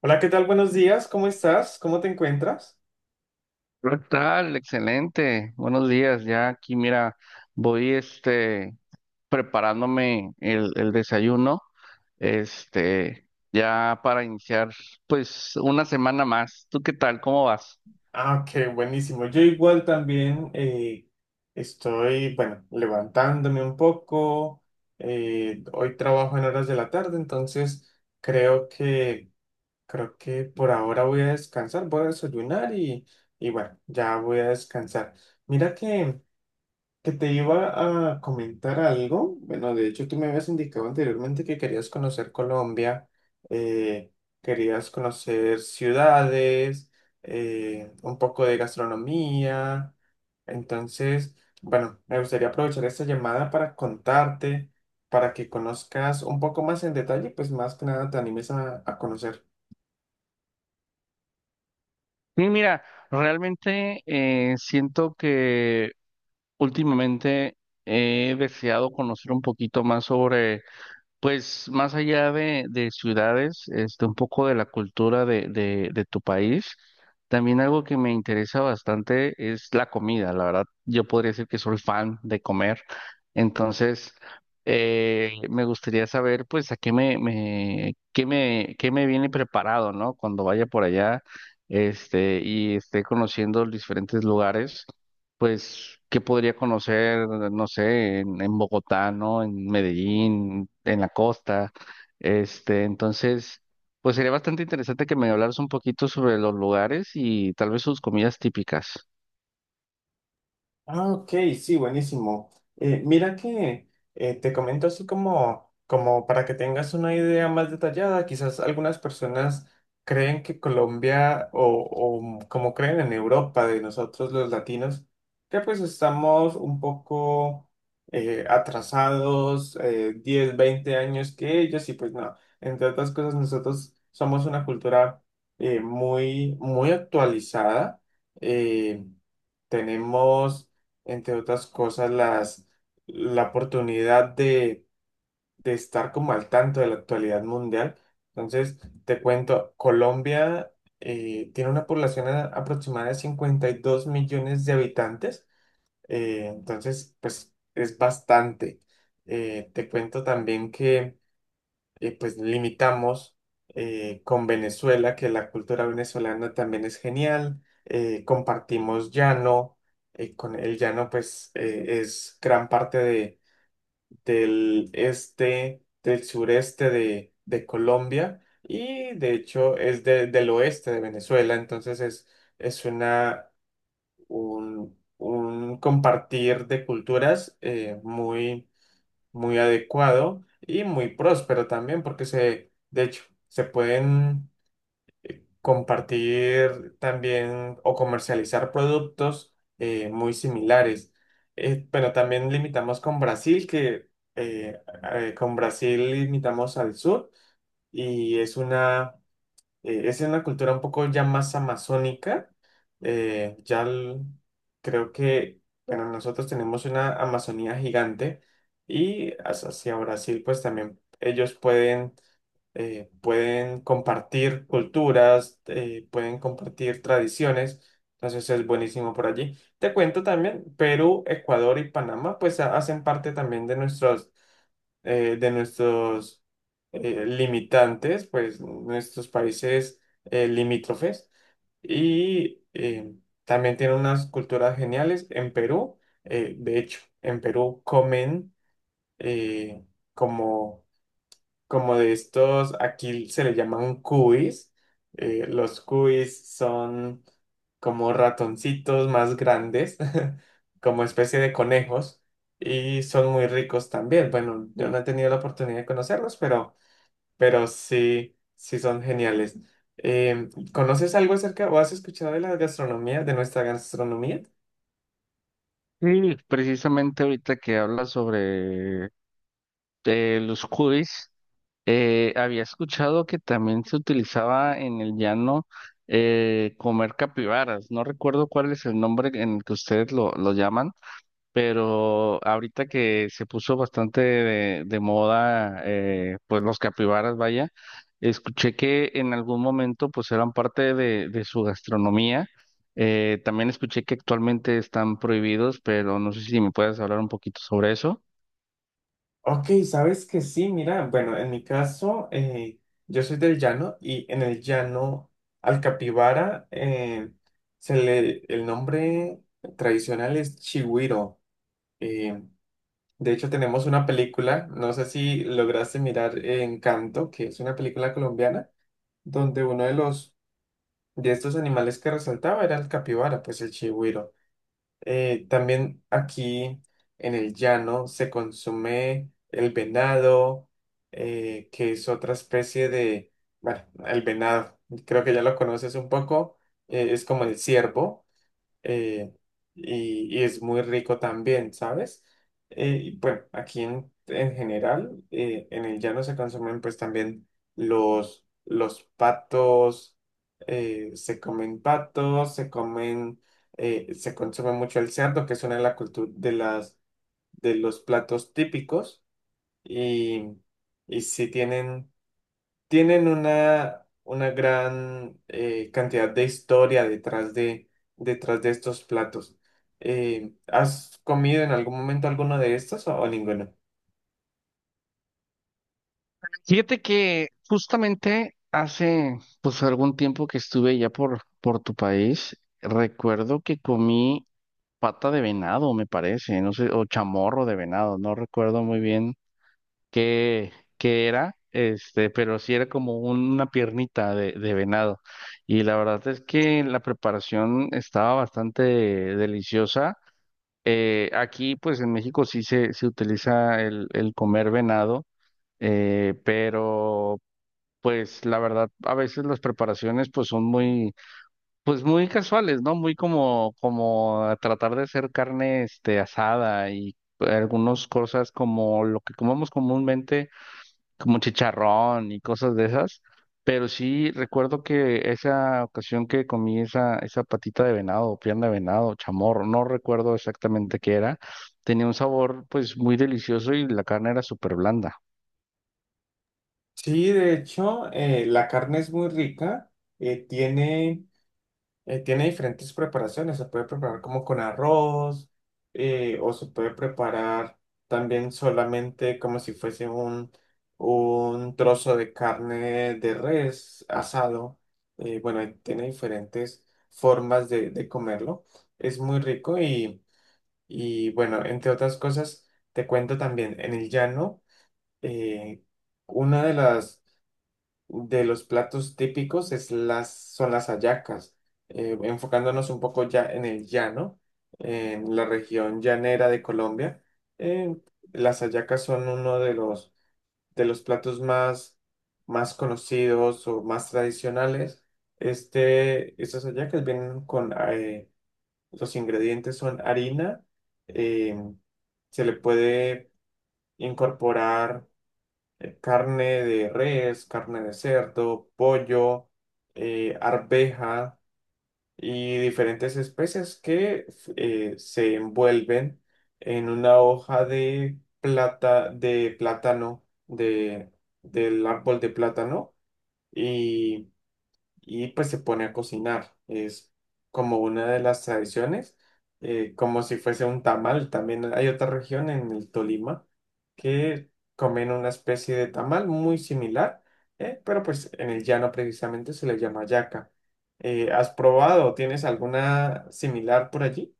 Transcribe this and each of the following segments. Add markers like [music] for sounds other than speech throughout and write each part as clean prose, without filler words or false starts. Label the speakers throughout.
Speaker 1: Hola, ¿qué tal? Buenos días, ¿cómo estás? ¿Cómo te encuentras?
Speaker 2: ¿Qué tal? Excelente. Buenos días. Ya aquí, mira, voy preparándome el desayuno, ya para iniciar, pues, una semana más. ¿Tú qué tal? ¿Cómo vas?
Speaker 1: Ah, qué buenísimo. Yo igual también estoy, bueno, levantándome un poco. Hoy trabajo en horas de la tarde, entonces creo que, creo que por ahora voy a descansar, voy a desayunar y bueno, ya voy a descansar. Mira que te iba a comentar algo. Bueno, de hecho, tú me habías indicado anteriormente que querías conocer Colombia, eh, querías conocer ciudades, un poco de gastronomía. Entonces, bueno, me gustaría aprovechar esta llamada para contarte, para que conozcas un poco más en detalle, pues más que nada te animes a conocer.
Speaker 2: Sí, mira, realmente siento que últimamente he deseado conocer un poquito más sobre. Pues más allá de ciudades, un poco de la cultura de tu país, también algo que me interesa bastante es la comida. La verdad, yo podría decir que soy fan de comer. Entonces, me gustaría saber, pues, a qué me, me, qué me, qué me viene preparado, ¿no? Cuando vaya por allá, y esté conociendo los diferentes lugares. Pues, ¿qué podría conocer, no sé, en Bogotá? ¿No? En Medellín, en la costa. Este, entonces, pues sería bastante interesante que me hablaras un poquito sobre los lugares y tal vez sus comidas típicas.
Speaker 1: Ah, ok, sí, buenísimo. Mira que te comento así como, como para que tengas una idea más detallada, quizás algunas personas creen que Colombia o como creen en Europa de nosotros los latinos, que pues estamos un poco atrasados, 10, 20 años que ellos y pues no, entre otras cosas nosotros somos una cultura muy, muy actualizada. eh, Tenemos entre otras cosas, las, la oportunidad de estar como al tanto de la actualidad mundial. Entonces, te cuento, Colombia tiene una población aproximada de 52 millones de habitantes, entonces, pues es bastante. Te cuento también que y pues limitamos con Venezuela, que la cultura venezolana también es genial, compartimos llano, con el llano pues es gran parte de, del este, del sureste de Colombia y de hecho es del oeste de Venezuela, entonces es una, un compartir de culturas muy muy adecuado y muy próspero también, porque se, de hecho, se pueden compartir también o comercializar productos muy similares. Pero también limitamos con Brasil, que eh, con Brasil limitamos al sur y es una cultura un poco ya más amazónica. eh, ya el- Creo que, bueno, nosotros tenemos una Amazonía gigante y hacia Brasil, pues también ellos pueden, pueden compartir culturas, pueden compartir tradiciones. Entonces es buenísimo por allí. Te cuento también, Perú, Ecuador y Panamá, pues hacen parte también de nuestros eh, de nuestros limitantes, pues nuestros países limítrofes. Y también tienen unas culturas geniales en Perú. De hecho, en Perú comen eh, como como de estos, aquí se le llaman cuis. Los cuis son como ratoncitos más grandes, [laughs] como especie de conejos, y son muy ricos también. Bueno, yo no he tenido la oportunidad de conocerlos, pero sí, sí son geniales. ¿Conoces algo acerca o has escuchado de la gastronomía, de nuestra gastronomía?
Speaker 2: Sí, precisamente ahorita que hablas sobre los curis, había escuchado que también se utilizaba en el llano comer capibaras. No recuerdo cuál es el nombre en el que ustedes lo llaman, pero ahorita que se puso bastante de moda, pues los capibaras, vaya, escuché que en algún momento pues eran parte de su gastronomía. También escuché que actualmente están prohibidos, pero no sé si me puedes hablar un poquito sobre eso.
Speaker 1: Ok, sabes que sí, mira, bueno, en mi caso, yo soy del llano y en el llano al capibara se le, el nombre tradicional es chigüiro. Eh, de hecho, tenemos una película, no sé si lograste mirar Encanto, que es una película colombiana, donde uno de los de estos animales que resaltaba era el capibara, pues el chigüiro. También aquí en el llano se consume el venado, que es otra especie de, bueno, el venado, creo que ya lo conoces un poco, es como el ciervo eh, y es muy rico también, ¿sabes? Y bueno, aquí en general, en el llano se consumen pues también los patos, se comen patos, se comen, se consume mucho el cerdo, que es una de, de las, de los platos típicos, y, y sí tienen tienen una gran cantidad de historia detrás de estos platos. ¿Has comido en algún momento alguno de estos o ninguno?
Speaker 2: Fíjate que justamente hace pues algún tiempo que estuve ya por tu país, recuerdo que comí pata de venado, me parece, no sé, o chamorro de venado, no recuerdo muy bien qué, qué era, pero sí era como una piernita de venado. Y la verdad es que la preparación estaba bastante deliciosa. Aquí, pues en México sí se utiliza el comer venado, pero pues la verdad, a veces las preparaciones pues muy casuales, ¿no? Muy como, como a tratar de hacer carne, asada y algunas cosas como lo que comemos comúnmente como chicharrón y cosas de esas. Pero sí recuerdo que esa ocasión que comí esa patita de venado, o pierna de venado, chamorro, no recuerdo exactamente qué era, tenía un sabor pues muy delicioso y la carne era súper blanda.
Speaker 1: Sí, de hecho, la carne es muy rica, tiene... tiene diferentes preparaciones, se puede preparar como con arroz o se puede preparar también solamente como si fuese un trozo de carne de res asado. Bueno, tiene diferentes formas de comerlo. Es muy rico y bueno, entre otras cosas, te cuento también, en el llano, eh, una de las de los platos típicos es las, son las hallacas, enfocándonos un poco ya en el llano, en la región llanera de Colombia. eh, las hallacas son uno de los platos más, más conocidos o más tradicionales. Este, estas hallacas vienen con, los ingredientes son harina, eh, se le puede incorporar carne de res, carne de cerdo, pollo, arveja y diferentes especies se envuelven en una hoja de plata, de plátano, de, del árbol de plátano y pues se pone a cocinar. Es como una de las tradiciones, como si fuese un tamal. También hay otra región en el Tolima que comen una especie de tamal muy similar, pero pues en el llano precisamente se le llama yaca. ¿Has probado? ¿Tienes alguna similar por allí?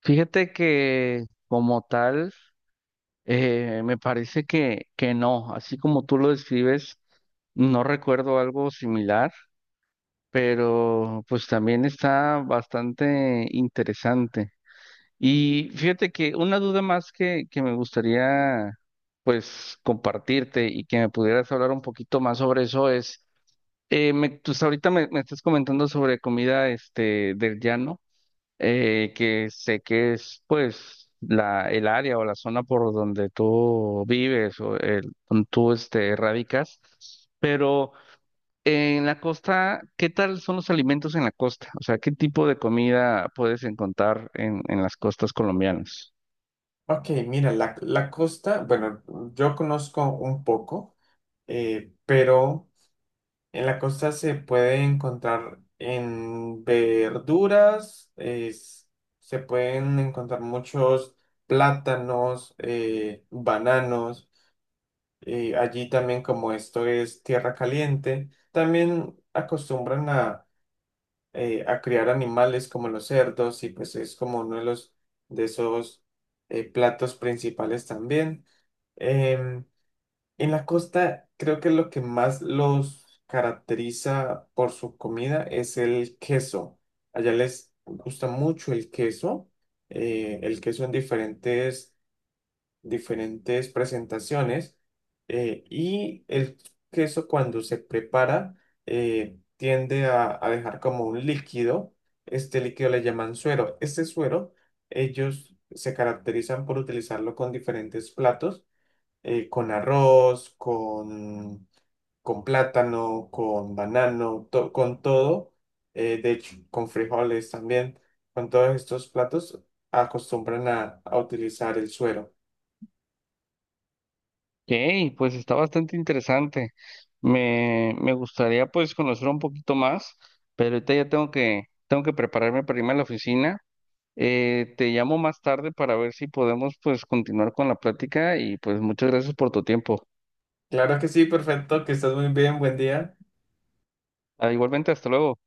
Speaker 2: Fíjate que como tal, me parece que no, así como tú lo describes, no recuerdo algo similar, pero pues también está bastante interesante. Y fíjate que una duda más que me gustaría pues compartirte y que me pudieras hablar un poquito más sobre eso es, tú hasta ahorita me estás comentando sobre comida del llano, que sé que es pues la, el área o la zona por donde tú vives o el, donde tú radicas, pero en la costa, ¿qué tal son los alimentos en la costa? O sea, ¿qué tipo de comida puedes encontrar en las costas colombianas?
Speaker 1: Ok, mira, la costa, bueno, yo conozco un poco, pero... En la costa se puede encontrar en verduras, se pueden encontrar muchos plátanos, bananos. Allí también, como esto es tierra caliente, también acostumbran a criar animales como los cerdos y pues es como uno de los de esos platos principales también. Em, en la costa, creo que lo que más los caracteriza por su comida es el queso. Allá les gusta mucho el queso en diferentes, diferentes presentaciones. Y el queso cuando se prepara tiende a dejar como un líquido. Este líquido le llaman suero. Este suero, ellos se caracterizan por utilizarlo con diferentes platos con arroz, con plátano, con banano, con todo, de hecho, con frijoles también, con todos estos platos acostumbran a utilizar el suero.
Speaker 2: Ok, pues está bastante interesante. Me gustaría pues conocer un poquito más, pero ahorita ya tengo tengo que prepararme para irme a la oficina. Te llamo más tarde para ver si podemos pues continuar con la plática y pues muchas gracias por tu tiempo.
Speaker 1: Claro que sí, perfecto, que estás muy bien, buen día.
Speaker 2: Ah, igualmente, hasta luego.